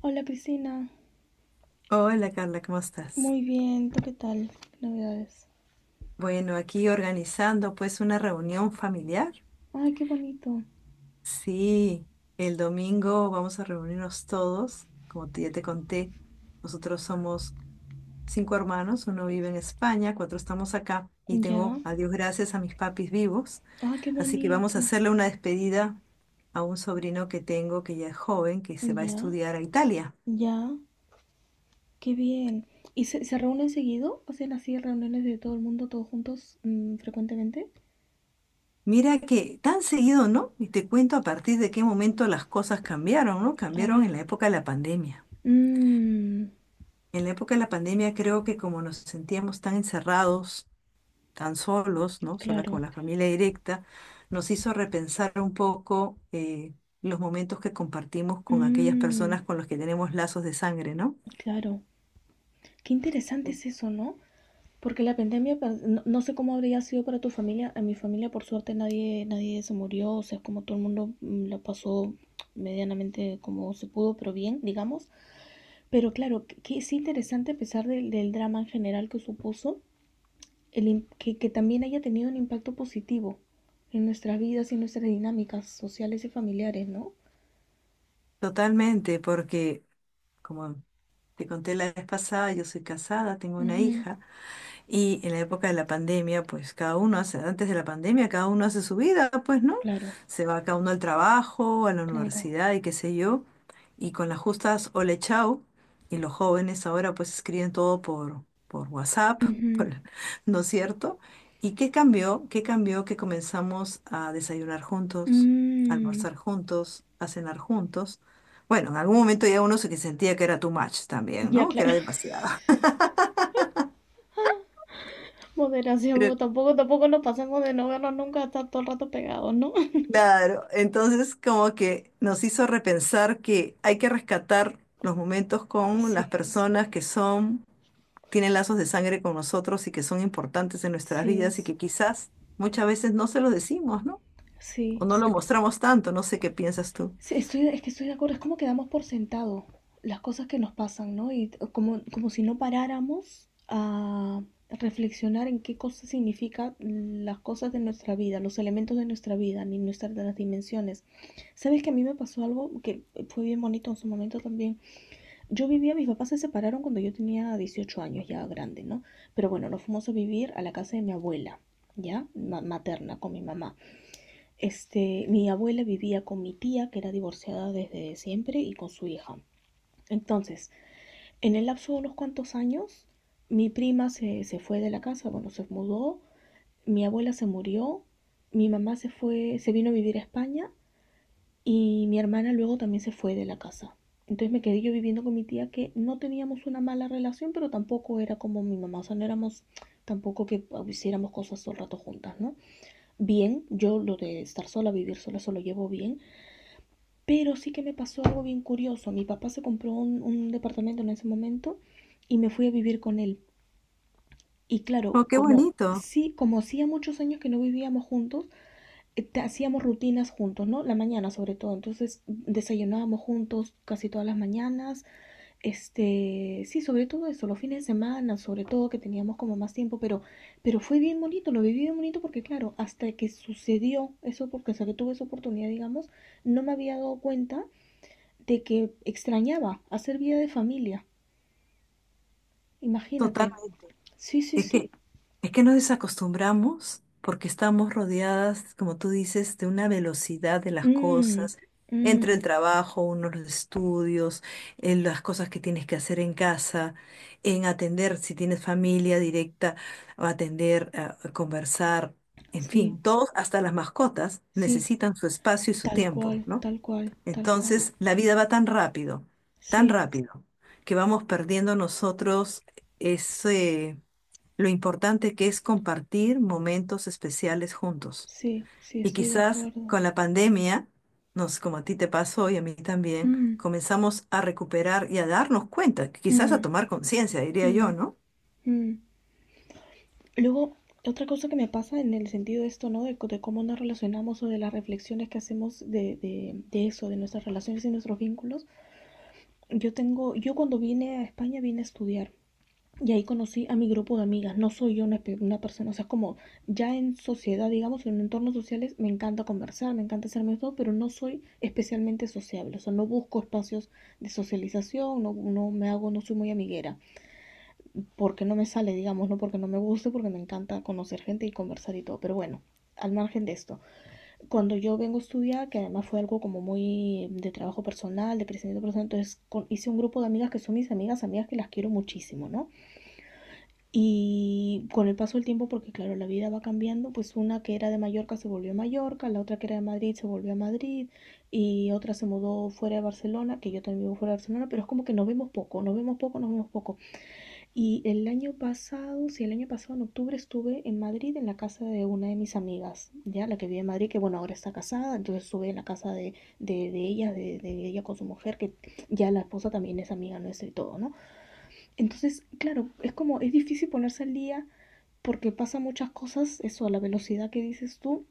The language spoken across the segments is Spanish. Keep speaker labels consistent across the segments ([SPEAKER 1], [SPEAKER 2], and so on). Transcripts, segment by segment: [SPEAKER 1] Hola Priscila,
[SPEAKER 2] Hola Carla, ¿cómo estás?
[SPEAKER 1] muy bien, ¿tú qué tal? Navidades.
[SPEAKER 2] Bueno, aquí organizando pues una reunión familiar.
[SPEAKER 1] Ay, qué bonito.
[SPEAKER 2] Sí, el domingo vamos a reunirnos todos, como ya te conté, nosotros somos cinco hermanos, uno vive en España, cuatro estamos acá y
[SPEAKER 1] Ya.
[SPEAKER 2] tengo, a Dios gracias, a mis papis vivos,
[SPEAKER 1] Ah, qué
[SPEAKER 2] así que vamos
[SPEAKER 1] bonito.
[SPEAKER 2] a hacerle una despedida a un sobrino que tengo que ya es joven, que se va a
[SPEAKER 1] Ya.
[SPEAKER 2] estudiar a Italia.
[SPEAKER 1] Ya. Qué bien. ¿Y se reúnen seguido? ¿Hacen así reuniones de todo el mundo, todos juntos, frecuentemente?
[SPEAKER 2] Mira que tan seguido, ¿no? Y te cuento a partir de qué momento las cosas cambiaron, ¿no?
[SPEAKER 1] A
[SPEAKER 2] Cambiaron
[SPEAKER 1] ver.
[SPEAKER 2] en la época de la pandemia.
[SPEAKER 1] Mmm,
[SPEAKER 2] En la época de la pandemia creo que como nos sentíamos tan encerrados, tan solos, ¿no? Sola con
[SPEAKER 1] claro.
[SPEAKER 2] la familia directa, nos hizo repensar un poco los momentos que compartimos con aquellas
[SPEAKER 1] Mmm,
[SPEAKER 2] personas con las que tenemos lazos de sangre, ¿no?
[SPEAKER 1] claro. Qué interesante
[SPEAKER 2] Sí.
[SPEAKER 1] es eso, ¿no? Porque la pandemia, pues, no sé cómo habría sido para tu familia. En mi familia, por suerte, nadie, nadie se murió. O sea, como todo el mundo la pasó medianamente como se pudo, pero bien, digamos. Pero claro, que es interesante a pesar del drama en general que supuso, que también haya tenido un impacto positivo en nuestras vidas y en nuestras dinámicas sociales y familiares, ¿no?
[SPEAKER 2] Totalmente, porque como te conté la vez pasada, yo soy casada, tengo una
[SPEAKER 1] Ujú,
[SPEAKER 2] hija. Y en la época de la pandemia, pues cada uno hace, antes de la pandemia, cada uno hace su vida, pues, ¿no?
[SPEAKER 1] claro,
[SPEAKER 2] Se va cada uno al trabajo, a la
[SPEAKER 1] claro.
[SPEAKER 2] universidad y qué sé yo. Y con las justas ole chao. Y los jóvenes ahora pues escriben todo por WhatsApp,
[SPEAKER 1] Ujú.
[SPEAKER 2] por- ¿no es cierto? ¿Y qué cambió? ¿Qué cambió que comenzamos a desayunar juntos, a
[SPEAKER 1] Mm,
[SPEAKER 2] almorzar juntos, a cenar juntos? Bueno, en algún momento ya uno se que sentía que era too much también,
[SPEAKER 1] ya,
[SPEAKER 2] ¿no? Que
[SPEAKER 1] claro.
[SPEAKER 2] era demasiado.
[SPEAKER 1] Moderación, pues, tampoco, tampoco nos pasemos de no vernos nunca hasta todo el rato pegados, ¿no?
[SPEAKER 2] Claro, entonces como que nos hizo repensar que hay que rescatar los momentos con
[SPEAKER 1] Sí,
[SPEAKER 2] las personas que son, tienen lazos de sangre con nosotros y que son importantes en nuestras
[SPEAKER 1] sí,
[SPEAKER 2] vidas y que quizás muchas veces no se los decimos, ¿no? O
[SPEAKER 1] sí.
[SPEAKER 2] no lo mostramos tanto, no sé qué piensas tú.
[SPEAKER 1] Sí, es que estoy de acuerdo, es como que damos por sentado las cosas que nos pasan, ¿no? Y como si no paráramos a reflexionar en qué cosas significan las cosas de nuestra vida, los elementos de nuestra vida, ni nuestras las dimensiones. ¿Sabes que a mí me pasó algo que fue bien bonito en su momento también? Yo vivía, mis papás se separaron cuando yo tenía 18 años, ya grande, ¿no? Pero bueno, nos fuimos a vivir a la casa de mi abuela, ¿ya? Materna, con mi mamá. Mi abuela vivía con mi tía, que era divorciada desde siempre, y con su hija. Entonces, en el lapso de unos cuantos años, mi prima se fue de la casa, bueno, se mudó, mi abuela se murió, mi mamá se fue, se vino a vivir a España y mi hermana luego también se fue de la casa. Entonces me quedé yo viviendo con mi tía que no teníamos una mala relación, pero tampoco era como mi mamá, o sea, no éramos tampoco que hiciéramos cosas todo el rato juntas, ¿no? Bien, yo lo de estar sola, vivir sola, eso lo llevo bien, pero sí que me pasó algo bien curioso. Mi papá se compró un, departamento en ese momento y me fui a vivir con él. Y claro,
[SPEAKER 2] Oh, qué
[SPEAKER 1] como
[SPEAKER 2] bonito,
[SPEAKER 1] sí, como hacía muchos años que no vivíamos juntos, hacíamos rutinas juntos, ¿no? La mañana sobre todo. Entonces desayunábamos juntos casi todas las mañanas. Sí, sobre todo eso, los fines de semana, sobre todo que teníamos como más tiempo, pero fue bien bonito, lo viví bien bonito porque claro, hasta que sucedió eso, porque hasta que tuve esa oportunidad, digamos, no me había dado cuenta de que extrañaba hacer vida de familia. Imagínate.
[SPEAKER 2] totalmente.
[SPEAKER 1] Sí, sí,
[SPEAKER 2] Es
[SPEAKER 1] sí.
[SPEAKER 2] que, es que nos desacostumbramos porque estamos rodeadas, como tú dices, de una velocidad de las
[SPEAKER 1] Mm,
[SPEAKER 2] cosas, entre el
[SPEAKER 1] mm,
[SPEAKER 2] trabajo, unos los estudios, en las cosas que tienes que hacer en casa, en atender, si tienes familia directa, o atender, a conversar, en
[SPEAKER 1] sí,
[SPEAKER 2] fin, todos, hasta las mascotas,
[SPEAKER 1] sí,
[SPEAKER 2] necesitan su espacio y su
[SPEAKER 1] tal
[SPEAKER 2] tiempo,
[SPEAKER 1] cual,
[SPEAKER 2] ¿no?
[SPEAKER 1] tal cual, tal cual.
[SPEAKER 2] Entonces, la vida va tan
[SPEAKER 1] Sí.
[SPEAKER 2] rápido, que vamos perdiendo nosotros ese lo importante que es compartir momentos especiales juntos.
[SPEAKER 1] Sí, sí,
[SPEAKER 2] Y
[SPEAKER 1] estoy de
[SPEAKER 2] quizás
[SPEAKER 1] acuerdo.
[SPEAKER 2] con la pandemia, como a ti te pasó y a mí también,
[SPEAKER 1] Mm,
[SPEAKER 2] comenzamos a recuperar y a darnos cuenta, quizás
[SPEAKER 1] mm,
[SPEAKER 2] a tomar conciencia, diría yo,
[SPEAKER 1] mm,
[SPEAKER 2] ¿no?
[SPEAKER 1] mm. Luego, otra cosa que me pasa en el sentido de esto, ¿no? De cómo nos relacionamos o de las reflexiones que hacemos de eso, de nuestras relaciones y nuestros vínculos. Yo cuando vine a España vine a estudiar. Y ahí conocí a mi grupo de amigas. No soy yo una persona, o sea, como ya en sociedad, digamos, en entornos sociales, me encanta conversar, me encanta ser amigos, pero no soy especialmente sociable. O sea, no busco espacios de socialización, no me hago, no soy muy amiguera. Porque no me sale, digamos, no porque no me guste, porque me encanta conocer gente y conversar y todo. Pero bueno, al margen de esto, cuando yo vengo a estudiar, que además fue algo como muy de trabajo personal, de crecimiento personal, entonces hice un grupo de amigas que son mis amigas, amigas que las quiero muchísimo, ¿no? Y con el paso del tiempo, porque claro, la vida va cambiando, pues una que era de Mallorca se volvió a Mallorca, la otra que era de Madrid se volvió a Madrid y otra se mudó fuera de Barcelona, que yo también vivo fuera de Barcelona, pero es como que nos vemos poco, nos vemos poco, nos vemos poco. Y el año pasado, sí, el año pasado en octubre estuve en Madrid en la casa de una de mis amigas, ya la que vive en Madrid, que bueno, ahora está casada, entonces estuve en la casa de ella, de ella con su mujer, que ya la esposa también es amiga nuestra y todo, ¿no? Entonces, claro, es difícil ponerse al día porque pasa muchas cosas, eso a la velocidad que dices tú,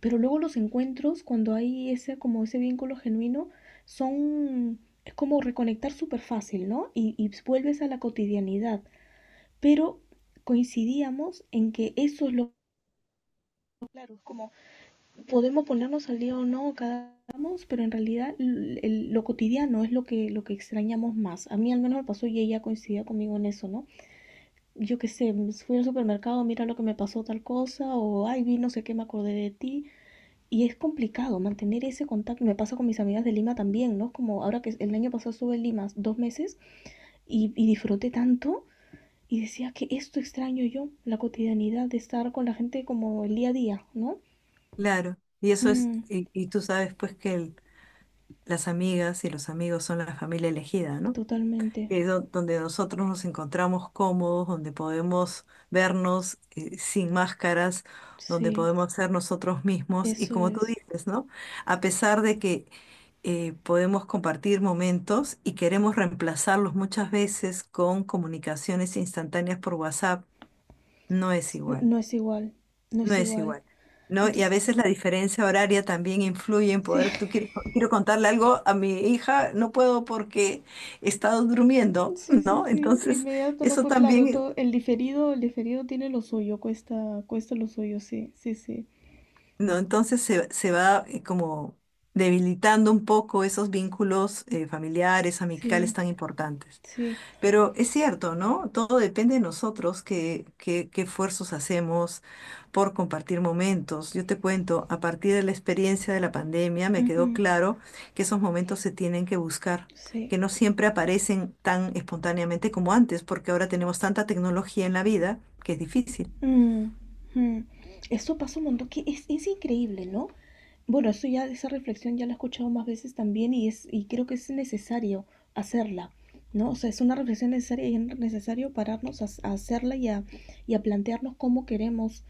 [SPEAKER 1] pero luego los encuentros, cuando hay como ese vínculo genuino, son, es como reconectar súper fácil, ¿no? Y vuelves a la cotidianidad, pero coincidíamos en que eso es lo claro, es como podemos ponernos al día o no cada vamos, pero en realidad lo cotidiano es lo que extrañamos más. A mí al menos me pasó y ella coincidía conmigo en eso, ¿no? Yo qué sé, fui al supermercado, mira lo que me pasó tal cosa, o ay, vi no sé qué, me acordé de ti. Y es complicado mantener ese contacto. Me pasa con mis amigas de Lima también, ¿no? Como ahora que el año pasado estuve en Lima 2 meses y disfruté tanto y decía que esto extraño yo, la cotidianidad de estar con la gente como el día a día, ¿no?
[SPEAKER 2] Claro, y eso es,
[SPEAKER 1] Mm,
[SPEAKER 2] y tú sabes pues que las amigas y los amigos son la familia elegida, ¿no?
[SPEAKER 1] totalmente,
[SPEAKER 2] Que es donde nosotros nos encontramos cómodos, donde podemos vernos sin máscaras, donde
[SPEAKER 1] sí,
[SPEAKER 2] podemos ser nosotros mismos y
[SPEAKER 1] eso
[SPEAKER 2] como tú
[SPEAKER 1] es.
[SPEAKER 2] dices, ¿no? A pesar de que podemos compartir momentos y queremos reemplazarlos muchas veces con comunicaciones instantáneas por WhatsApp, no es igual.
[SPEAKER 1] No es igual, no
[SPEAKER 2] No
[SPEAKER 1] es
[SPEAKER 2] es
[SPEAKER 1] igual.
[SPEAKER 2] igual, ¿no? Y a
[SPEAKER 1] Entonces,
[SPEAKER 2] veces la diferencia horaria también influye en
[SPEAKER 1] sí,
[SPEAKER 2] poder, tú quieres, quiero contarle algo a mi hija, no puedo porque he estado durmiendo,
[SPEAKER 1] sí, sí,
[SPEAKER 2] ¿no?
[SPEAKER 1] sí,
[SPEAKER 2] Entonces,
[SPEAKER 1] inmediato, no,
[SPEAKER 2] eso
[SPEAKER 1] pues claro,
[SPEAKER 2] también,
[SPEAKER 1] todo, el diferido tiene lo suyo, cuesta, cuesta lo suyo, sí, sí, sí,
[SPEAKER 2] ¿no? Entonces se va como debilitando un poco esos vínculos familiares, amicales
[SPEAKER 1] sí,
[SPEAKER 2] tan importantes.
[SPEAKER 1] sí,
[SPEAKER 2] Pero es cierto, ¿no? Todo depende de nosotros, qué esfuerzos hacemos por compartir momentos. Yo te cuento, a partir de la experiencia de la pandemia me quedó
[SPEAKER 1] ujú,
[SPEAKER 2] claro que esos momentos se tienen que buscar,
[SPEAKER 1] sí,
[SPEAKER 2] que no siempre aparecen tan espontáneamente como antes, porque ahora tenemos tanta tecnología en la vida que es difícil.
[SPEAKER 1] mm, mm. Eso pasa un montón, que es increíble, ¿no? Bueno, eso ya, esa reflexión ya la he escuchado más veces también y creo que es necesario hacerla, ¿no? O sea, es una reflexión necesaria y es necesario pararnos a hacerla y a plantearnos cómo queremos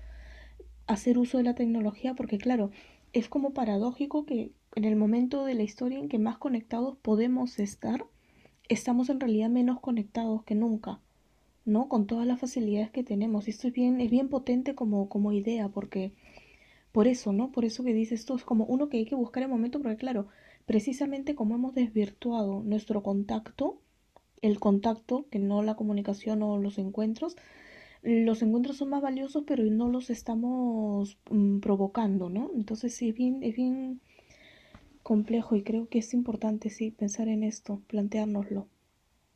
[SPEAKER 1] hacer uso de la tecnología porque claro, es como paradójico que en el momento de la historia en que más conectados podemos estar, estamos en realidad menos conectados que nunca, ¿no? Con todas las facilidades que tenemos. Y esto es bien potente como idea porque por eso, ¿no? Por eso que dices esto es como uno que hay que buscar el momento porque claro, precisamente como hemos desvirtuado nuestro contacto, el contacto, que no la comunicación o los encuentros son más valiosos, pero no los estamos provocando, ¿no? Entonces sí, es bien complejo y creo que es importante, sí, pensar en esto, planteárnoslo.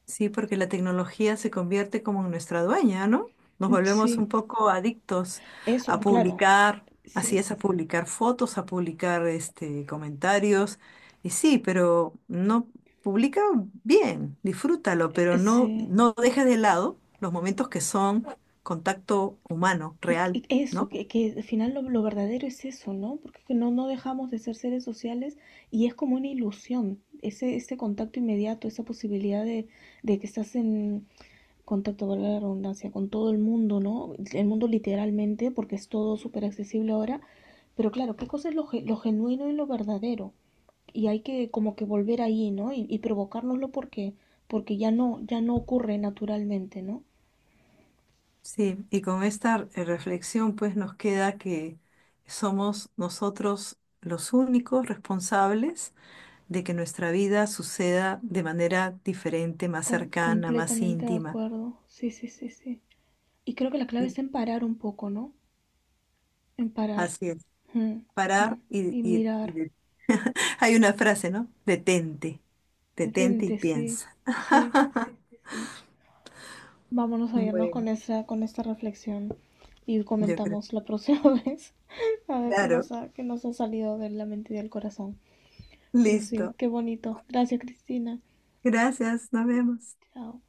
[SPEAKER 2] Sí, porque la tecnología se convierte como en nuestra dueña, ¿no? Nos
[SPEAKER 1] Mm,
[SPEAKER 2] volvemos
[SPEAKER 1] sí,
[SPEAKER 2] un poco adictos
[SPEAKER 1] eso,
[SPEAKER 2] a
[SPEAKER 1] claro,
[SPEAKER 2] publicar, así
[SPEAKER 1] sí,
[SPEAKER 2] es, a publicar fotos, a publicar comentarios. Y sí, pero no publica bien, disfrútalo, pero no,
[SPEAKER 1] sí.
[SPEAKER 2] no dejes de lado los momentos que son contacto humano,
[SPEAKER 1] eh,
[SPEAKER 2] real,
[SPEAKER 1] Eso,
[SPEAKER 2] ¿no?
[SPEAKER 1] que al final lo verdadero es eso, ¿no? Porque que no dejamos de ser seres sociales y es como una ilusión, ese contacto inmediato, esa posibilidad de que estás en, contacto, valga la redundancia, con todo el mundo, ¿no? El mundo literalmente, porque es todo súper accesible ahora, pero claro, ¿qué cosa es lo genuino y lo verdadero? Y hay que como que volver ahí, ¿no? Y provocárnoslo porque, ya no, ya no ocurre naturalmente, ¿no?
[SPEAKER 2] Sí, y con esta reflexión pues nos queda que somos nosotros los únicos responsables de que nuestra vida suceda de manera diferente, más
[SPEAKER 1] Com-
[SPEAKER 2] cercana, más
[SPEAKER 1] completamente de
[SPEAKER 2] íntima.
[SPEAKER 1] acuerdo, sí, sí, sí, sí. Y creo que la clave es en parar un poco, ¿no? En parar.
[SPEAKER 2] Así es.
[SPEAKER 1] Mm, mm.
[SPEAKER 2] Parar y,
[SPEAKER 1] Y
[SPEAKER 2] y- y
[SPEAKER 1] mirar,
[SPEAKER 2] de- Hay una frase, ¿no? Detente, detente y
[SPEAKER 1] detente, sí,
[SPEAKER 2] piensa.
[SPEAKER 1] sí, sí, sí, sí. Vámonos a irnos
[SPEAKER 2] Bueno,
[SPEAKER 1] con esta, reflexión y
[SPEAKER 2] yo creo.
[SPEAKER 1] comentamos la próxima vez. A ver qué
[SPEAKER 2] Claro,
[SPEAKER 1] nos ha, qué nos ha salido de la mente y del corazón. Pero sí,
[SPEAKER 2] listo.
[SPEAKER 1] qué bonito. Gracias, Cristina.
[SPEAKER 2] Gracias, nos vemos.
[SPEAKER 1] Chao.